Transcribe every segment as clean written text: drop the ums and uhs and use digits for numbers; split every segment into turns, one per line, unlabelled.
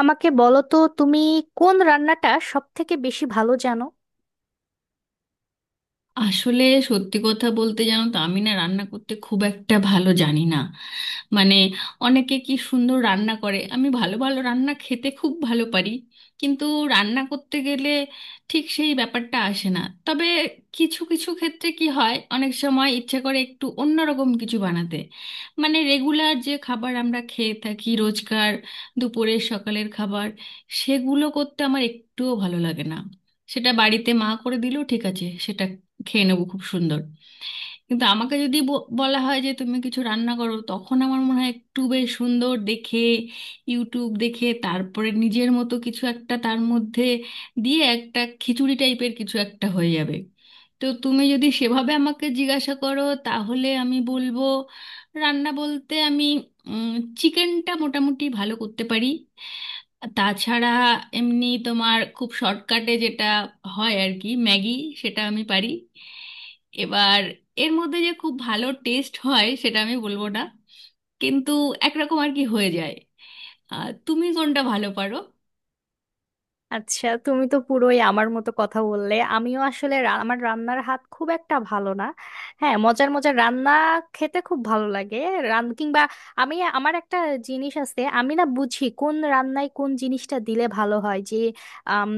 আমাকে বলো তো, তুমি কোন রান্নাটা সব থেকে বেশি ভালো জানো?
আসলে, সত্যি কথা বলতে জানো তো আমি না রান্না করতে খুব একটা ভালো জানি না। মানে অনেকে কি সুন্দর রান্না করে, আমি ভালো ভালো রান্না খেতে খুব ভালো পারি, কিন্তু রান্না করতে গেলে ঠিক সেই ব্যাপারটা আসে না। তবে কিছু কিছু ক্ষেত্রে কি হয়, অনেক সময় ইচ্ছে করে একটু অন্যরকম কিছু বানাতে। মানে রেগুলার যে খাবার আমরা খেয়ে থাকি রোজকার, দুপুরের সকালের খাবার, সেগুলো করতে আমার একটুও ভালো লাগে না। সেটা বাড়িতে মা করে দিল, ঠিক আছে, সেটা খেয়ে নেবো, খুব সুন্দর। কিন্তু আমাকে যদি বলা হয় যে তুমি কিছু রান্না করো, তখন আমার মনে হয় একটু বেশ সুন্দর দেখে ইউটিউব দেখে, তারপরে নিজের মতো কিছু একটা তার মধ্যে দিয়ে একটা খিচুড়ি টাইপের কিছু একটা হয়ে যাবে। তো তুমি যদি সেভাবে আমাকে জিজ্ঞাসা করো, তাহলে আমি বলবো রান্না বলতে আমি চিকেনটা মোটামুটি ভালো করতে পারি। তাছাড়া এমনি তোমার খুব শর্টকাটে যেটা হয় আর কি, ম্যাগি, সেটা আমি পারি। এবার এর মধ্যে যে খুব ভালো টেস্ট হয় সেটা আমি বলবো না, কিন্তু একরকম আর কি হয়ে যায়। তুমি কোনটা ভালো পারো?
আচ্ছা, তুমি তো পুরোই আমার মতো কথা বললে। আমিও আসলে আমার রান্নার হাত খুব একটা ভালো না। হ্যাঁ, মজার মজার রান্না খেতে খুব ভালো লাগে। রান কিংবা আমি আমার একটা জিনিস আছে, আমি না বুঝি কোন রান্নায় কোন জিনিসটা দিলে ভালো হয়। যে আম,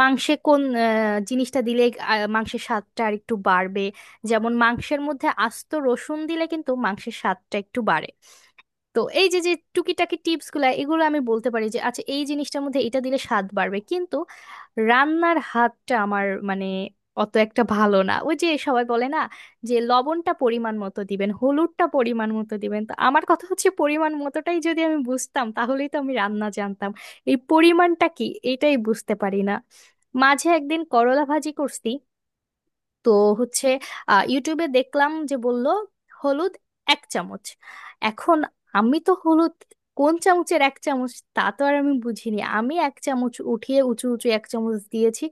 মাংসে কোন জিনিসটা দিলে মাংসের স্বাদটা আর একটু বাড়বে। যেমন মাংসের মধ্যে আস্ত রসুন দিলে কিন্তু মাংসের স্বাদটা একটু বাড়ে। তো এই যে যে টুকিটাকি টিপস গুলা, এগুলো আমি বলতে পারি যে আচ্ছা এই জিনিসটার মধ্যে এটা দিলে স্বাদ বাড়বে, কিন্তু রান্নার হাতটা আমার মানে অত একটা ভালো না। ওই যে সবাই বলে না, যে লবণটা পরিমাণ মতো দিবেন, হলুদটা পরিমাণ মতো দিবেন, তো আমার কথা হচ্ছে, পরিমাণ মতোটাই যদি আমি বুঝতাম তাহলেই তো আমি রান্না জানতাম। এই পরিমাণটা কি? এটাই বুঝতে পারি না। মাঝে একদিন করলা ভাজি করছি, তো হচ্ছে ইউটিউবে দেখলাম যে বলল হলুদ এক চামচ। এখন আমি তো হলুদ কোন চামচের এক চামচ তা তো আর আমি বুঝিনি, আমি এক চামচ উঠিয়ে উঁচু উঁচু এক চামচ দিয়েছি।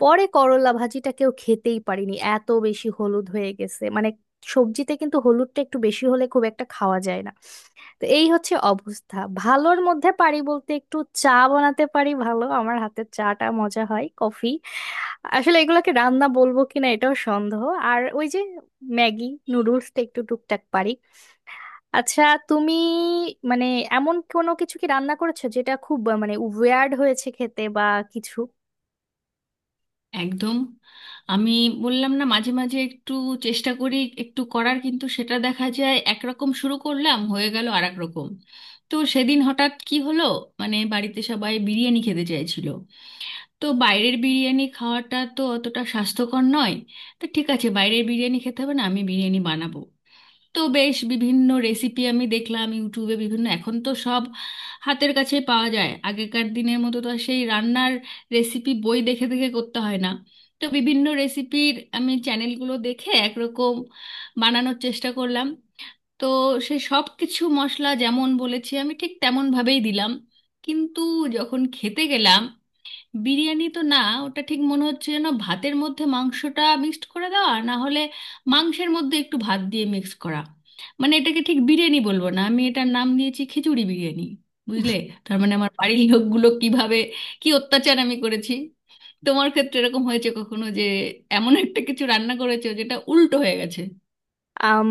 পরে করলা ভাজিটা কেউ খেতেই পারিনি, এত বেশি হলুদ হয়ে গেছে। মানে সবজিতে কিন্তু হলুদটা একটু বেশি হলে খুব একটা খাওয়া যায় না। তো এই হচ্ছে অবস্থা। ভালোর মধ্যে পারি বলতে একটু চা বানাতে পারি ভালো, আমার হাতের চাটা মজা হয়, কফি। আসলে এগুলোকে রান্না বলবো কিনা এটাও সন্দেহ। আর ওই যে ম্যাগি নুডলসটা একটু টুকটাক পারি। আচ্ছা, তুমি মানে এমন কোনো কিছু কি রান্না করেছো, যেটা খুব মানে ওয়ার্ড হয়েছে খেতে বা কিছু?
একদম, আমি বললাম না মাঝে মাঝে একটু চেষ্টা করি একটু করার, কিন্তু সেটা দেখা যায় একরকম শুরু করলাম, হয়ে গেল আর এক রকম। তো সেদিন হঠাৎ কি হলো, মানে বাড়িতে সবাই বিরিয়ানি খেতে চাইছিল। তো বাইরের বিরিয়ানি খাওয়াটা তো অতটা স্বাস্থ্যকর নয়, তো ঠিক আছে, বাইরের বিরিয়ানি খেতে হবে না, আমি বিরিয়ানি বানাবো। তো বেশ বিভিন্ন রেসিপি আমি দেখলাম ইউটিউবে, বিভিন্ন, এখন তো সব হাতের কাছে পাওয়া যায়, আগেকার দিনের মতো তো আর সেই রান্নার রেসিপি বই দেখে দেখে করতে হয় না। তো বিভিন্ন রেসিপির আমি চ্যানেলগুলো দেখে একরকম বানানোর চেষ্টা করলাম। তো সে সব কিছু মশলা যেমন বলেছি আমি ঠিক তেমন ভাবেই দিলাম, কিন্তু যখন খেতে গেলাম, বিরিয়ানি তো না, ওটা ঠিক মনে হচ্ছে যেন ভাতের মধ্যে মাংসটা মিক্সড করে দেওয়া, না হলে মাংসের মধ্যে একটু ভাত দিয়ে মিক্স করা। মানে এটাকে ঠিক বিরিয়ানি বলবো না, আমি এটার নাম দিয়েছি খিচুড়ি বিরিয়ানি। বুঝলে? তার মানে আমার বাড়ির লোকগুলো কিভাবে, কি অত্যাচার আমি করেছি। তোমার ক্ষেত্রে এরকম হয়েছে কখনো, যে এমন একটা কিছু রান্না করেছো যেটা উল্টো হয়ে গেছে?
আম,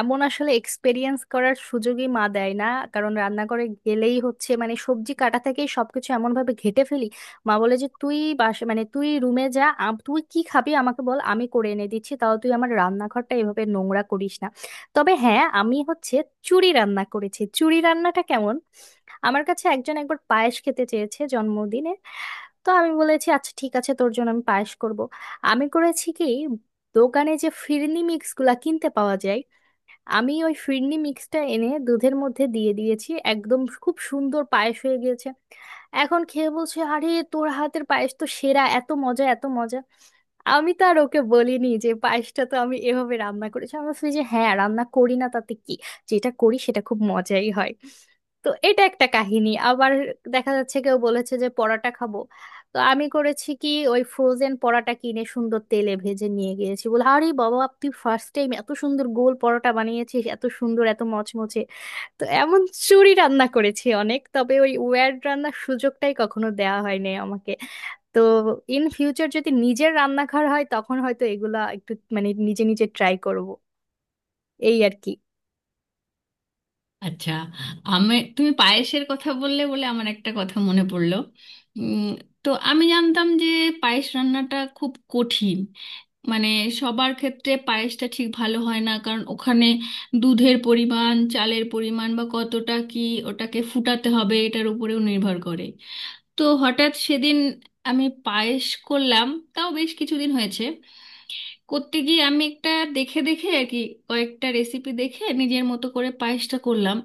এমন আসলে এক্সপেরিয়েন্স করার সুযোগই মা দেয় না। কারণ রান্নাঘরে গেলেই হচ্ছে, মানে সবজি কাটা থেকে সবকিছু এমন ভাবে ঘেটে ফেলি, মা বলে যে তুই বাসা মানে তুই রুমে যা, তুই কি খাবি আমাকে বল, আমি করে এনে দিচ্ছি, তাও তুই আমার রান্নাঘরটা এভাবে নোংরা করিস না। তবে হ্যাঁ, আমি হচ্ছে চুরি রান্না করেছি। চুরি রান্নাটা কেমন? আমার কাছে একজন একবার পায়েস খেতে চেয়েছে জন্মদিনে। তো আমি বলেছি আচ্ছা ঠিক আছে, তোর জন্য আমি পায়েস করব। আমি করেছি কি, দোকানে যে ফিরনি মিক্স গুলা কিনতে পাওয়া যায়, আমি ওই ফিরনি মিক্সটা এনে দুধের মধ্যে দিয়ে দিয়েছি, একদম খুব সুন্দর পায়েস হয়ে গিয়েছে। এখন খেয়ে বলছে, আরে তোর হাতের পায়েস তো সেরা, এত মজা এত মজা! আমি তো আর ওকে বলিনি যে পায়েসটা তো আমি এভাবে রান্না করেছি। আমরা বলছি যে হ্যাঁ, রান্না করি না তাতে কি, যেটা করি সেটা খুব মজাই হয়। তো এটা একটা কাহিনী। আবার দেখা যাচ্ছে কেউ বলেছে যে পরোটা খাবো, তো আমি করেছি কি, ওই ফ্রোজেন পরোটা কিনে সুন্দর তেলে ভেজে নিয়ে গিয়েছি। বলে, আরে বাবা, তুই ফার্স্ট টাইম এত সুন্দর গোল পরোটা বানিয়েছিস, এত সুন্দর, এত মচমচে। তো এমন চুরি রান্না করেছি অনেক, তবে ওই ওয়্যার্ড রান্নার সুযোগটাই কখনো দেওয়া হয়নি আমাকে। তো ইন ফিউচার যদি নিজের রান্নাঘর হয় তখন হয়তো এগুলা একটু মানে নিজে নিজে ট্রাই করব, এই আর কি।
আচ্ছা, আমি তুমি পায়েসের কথা বললে বলে আমার একটা কথা মনে পড়লো। উম, তো আমি জানতাম যে পায়েস রান্নাটা খুব কঠিন। মানে সবার ক্ষেত্রে পায়েসটা ঠিক ভালো হয় না, কারণ ওখানে দুধের পরিমাণ, চালের পরিমাণ বা কতটা কি ওটাকে ফুটাতে হবে, এটার উপরেও নির্ভর করে। তো হঠাৎ সেদিন আমি পায়েস করলাম, তাও বেশ কিছুদিন হয়েছে। করতে গিয়ে আমি একটা দেখে দেখে আর কি, কয়েকটা রেসিপি দেখে নিজের মতো করে পায়েসটা করলাম।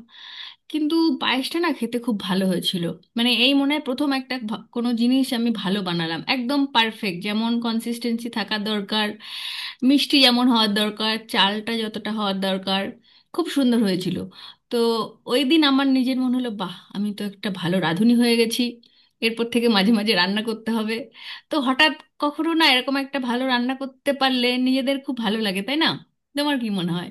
কিন্তু পায়েসটা না খেতে খুব ভালো হয়েছিল। মানে এই মনে হয় প্রথম একটা কোনো জিনিস আমি ভালো বানালাম, একদম পারফেক্ট, যেমন কনসিস্টেন্সি থাকা দরকার, মিষ্টি যেমন হওয়ার দরকার, চালটা যতটা হওয়ার দরকার, খুব সুন্দর হয়েছিল। তো ওই দিন আমার নিজের মনে হলো, বাহ, আমি তো একটা ভালো রাঁধুনি হয়ে গেছি, এরপর থেকে মাঝে মাঝে রান্না করতে হবে। তো হঠাৎ কখনো না এরকম একটা ভালো রান্না করতে পারলে নিজেদের খুব ভালো লাগে, তাই না? তোমার কি মনে হয়?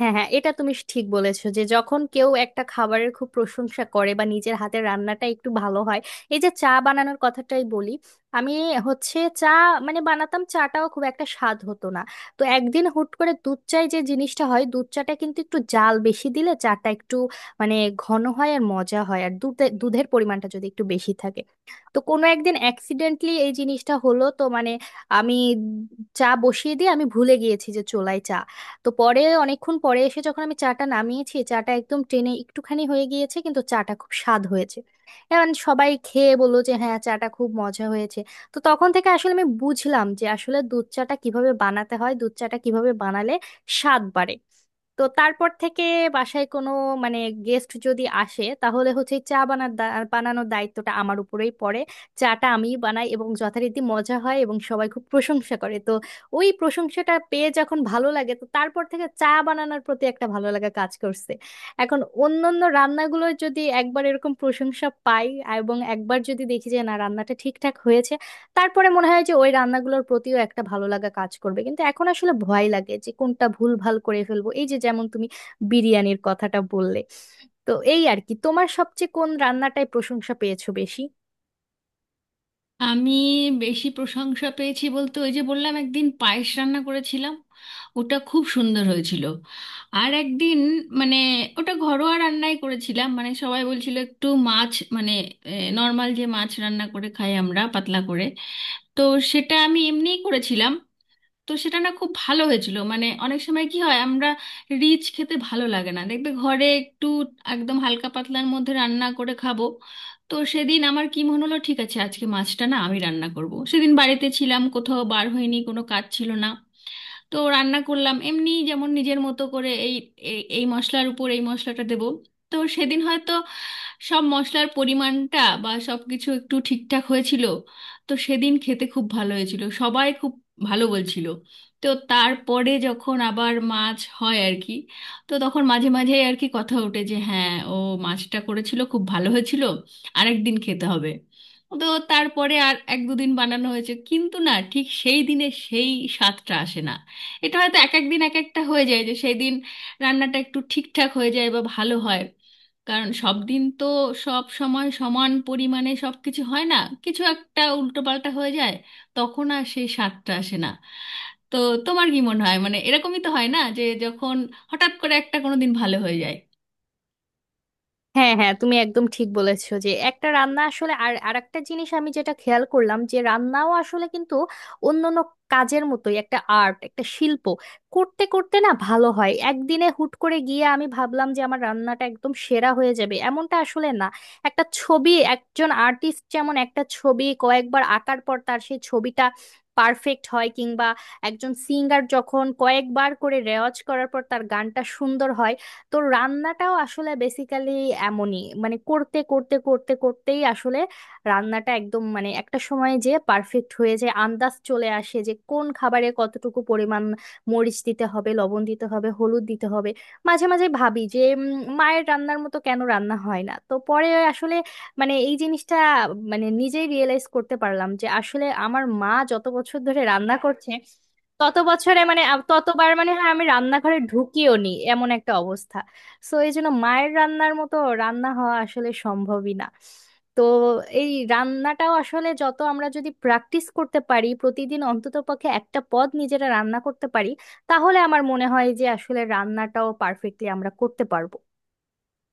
হ্যাঁ হ্যাঁ, এটা তুমি ঠিক বলেছো, যে যখন কেউ একটা খাবারের খুব প্রশংসা করে বা নিজের হাতের রান্নাটা একটু ভালো হয়। এই যে চা বানানোর কথাটাই বলি, আমি হচ্ছে চা মানে বানাতাম, চাটাও খুব একটা স্বাদ হতো না। তো একদিন হুট করে দুধ চায় যে জিনিসটা হয়, দুধ চাটা কিন্তু একটু জাল বেশি দিলে চাটা একটু মানে ঘন হয় আর মজা হয়, আর দুধে দুধের পরিমাণটা যদি একটু বেশি থাকে। তো কোনো একদিন অ্যাক্সিডেন্টলি এই জিনিসটা হলো, তো মানে আমি চা বসিয়ে দিয়ে আমি ভুলে গিয়েছি যে চোলাই চা। তো পরে অনেকক্ষণ পরে এসে যখন আমি চাটা নামিয়েছি, চাটা একদম ট্রেনে একটুখানি হয়ে গিয়েছে, কিন্তু চাটা খুব স্বাদ হয়েছে। এখন সবাই খেয়ে বললো যে হ্যাঁ, চাটা খুব মজা হয়েছে। তো তখন থেকে আসলে আমি বুঝলাম যে আসলে দুধ চাটা কিভাবে বানাতে হয়, দুধ চাটা কিভাবে বানালে স্বাদ বাড়ে। তো তারপর থেকে বাসায় কোনো মানে গেস্ট যদি আসে তাহলে হচ্ছে চা বানানোর দায়িত্বটা আমার উপরেই পড়ে। চাটা আমিই বানাই, এবং যথারীতি মজা হয় এবং সবাই খুব প্রশংসা করে। তো ওই প্রশংসাটা পেয়ে যখন ভালো লাগে, তো তারপর থেকে চা বানানোর প্রতি একটা ভালো লাগা কাজ করছে। এখন অন্যান্য রান্নাগুলো যদি একবার এরকম প্রশংসা পাই এবং একবার যদি দেখি যে না, রান্নাটা ঠিকঠাক হয়েছে, তারপরে মনে হয় যে ওই রান্নাগুলোর প্রতিও একটা ভালো লাগা কাজ করবে। কিন্তু এখন আসলে ভয় লাগে যে কোনটা ভুল ভাল করে ফেলবো, এই যে যেমন তুমি বিরিয়ানির কথাটা বললে। তো এই আর কি, তোমার সবচেয়ে কোন রান্নাটায় প্রশংসা পেয়েছো বেশি?
আমি বেশি প্রশংসা পেয়েছি বলতে, ওই যে বললাম একদিন পায়েস রান্না করেছিলাম, ওটা খুব সুন্দর হয়েছিল। আর একদিন, মানে ওটা ঘরোয়া রান্নাই করেছিলাম, মানে সবাই বলছিল একটু মাছ, মানে নর্মাল যে মাছ রান্না করে খাই আমরা, পাতলা করে, তো সেটা আমি এমনিই করেছিলাম। তো সেটা না খুব ভালো হয়েছিল। মানে অনেক সময় কি হয়, আমরা রিচ খেতে ভালো লাগে না, দেখবে ঘরে একটু একদম হালকা পাতলার মধ্যে রান্না করে খাবো। তো সেদিন আমার কি মনে হলো, ঠিক আছে আজকে মাছটা না আমি রান্না করব। সেদিন বাড়িতে ছিলাম, কোথাও বার হইনি, কোনো কাজ ছিল না। তো রান্না করলাম এমনি যেমন নিজের মতো করে, এই এই এই মশলার উপর এই মশলাটা দেবো। তো সেদিন হয়তো সব মশলার পরিমাণটা বা সব কিছু একটু ঠিকঠাক হয়েছিল। তো সেদিন খেতে খুব ভালো হয়েছিল, সবাই খুব ভালো বলছিল। তো তারপরে যখন আবার মাছ হয় আর কি, তো তখন মাঝে মাঝে আর কি কথা ওঠে যে হ্যাঁ, ও মাছটা করেছিল খুব ভালো হয়েছিল, আরেকদিন খেতে হবে। তো তারপরে আর এক দুদিন বানানো হয়েছে, কিন্তু না, ঠিক সেই দিনে সেই স্বাদটা আসে না। এটা হয়তো এক এক দিন এক একটা হয়ে যায়, যে সেই দিন রান্নাটা একটু ঠিকঠাক হয়ে যায় বা ভালো হয়। কারণ সব দিন তো সব সময় সমান পরিমাণে সব কিছু হয় না, কিছু একটা উল্টোপাল্টা হয়ে যায়, তখন আর সেই স্বাদটা আসে না। তো তোমার কি মনে হয়, মানে এরকমই তো হয় না, যে যখন হঠাৎ করে একটা কোনো দিন ভালো হয়ে যায়?
হ্যাঁ হ্যাঁ, তুমি একদম ঠিক বলেছো যে একটা রান্না আসলে, আর আরেকটা জিনিস আমি যেটা খেয়াল করলাম, যে রান্নাও আসলে কিন্তু অন্যান্য কাজের মতোই একটা আর্ট, একটা শিল্প। করতে করতে না ভালো হয়, একদিনে হুট করে গিয়ে আমি ভাবলাম যে আমার রান্নাটা একদম সেরা হয়ে যাবে এমনটা আসলে না। একটা ছবি একজন আর্টিস্ট যেমন একটা ছবি কয়েকবার আঁকার পর তার সেই ছবিটা পারফেক্ট হয়, কিংবা একজন সিঙ্গার যখন কয়েকবার করে রেওয়াজ করার পর তার গানটা সুন্দর হয়। তো রান্নাটাও আসলে বেসিক্যালি এমনই, মানে করতে করতে করতে করতেই আসলে রান্নাটা একদম মানে একটা সময় যে পারফেক্ট হয়ে যায়, আন্দাজ চলে আসে যে কোন খাবারে কতটুকু পরিমাণ মরিচ দিতে হবে, লবণ দিতে হবে, হলুদ দিতে হবে। মাঝে মাঝে ভাবি যে মায়ের রান্নার মতো কেন রান্না হয় না। তো পরে আসলে মানে এই জিনিসটা মানে নিজেই রিয়েলাইজ করতে পারলাম যে আসলে আমার মা যত বছর ধরে রান্না করছে, তত বছরে মানে ততবার মানে হয় আমি রান্নাঘরে ঢুকিও নি, এমন একটা অবস্থা। সো এই জন্য মায়ের রান্নার মতো রান্না হওয়া আসলে সম্ভবই না। তো এই রান্নাটাও আসলে যত আমরা যদি প্র্যাকটিস করতে পারি, প্রতিদিন অন্ততপক্ষে একটা পদ নিজেরা রান্না করতে পারি, তাহলে আমার মনে হয় যে আসলে রান্নাটাও পারফেক্টলি আমরা করতে পারবো।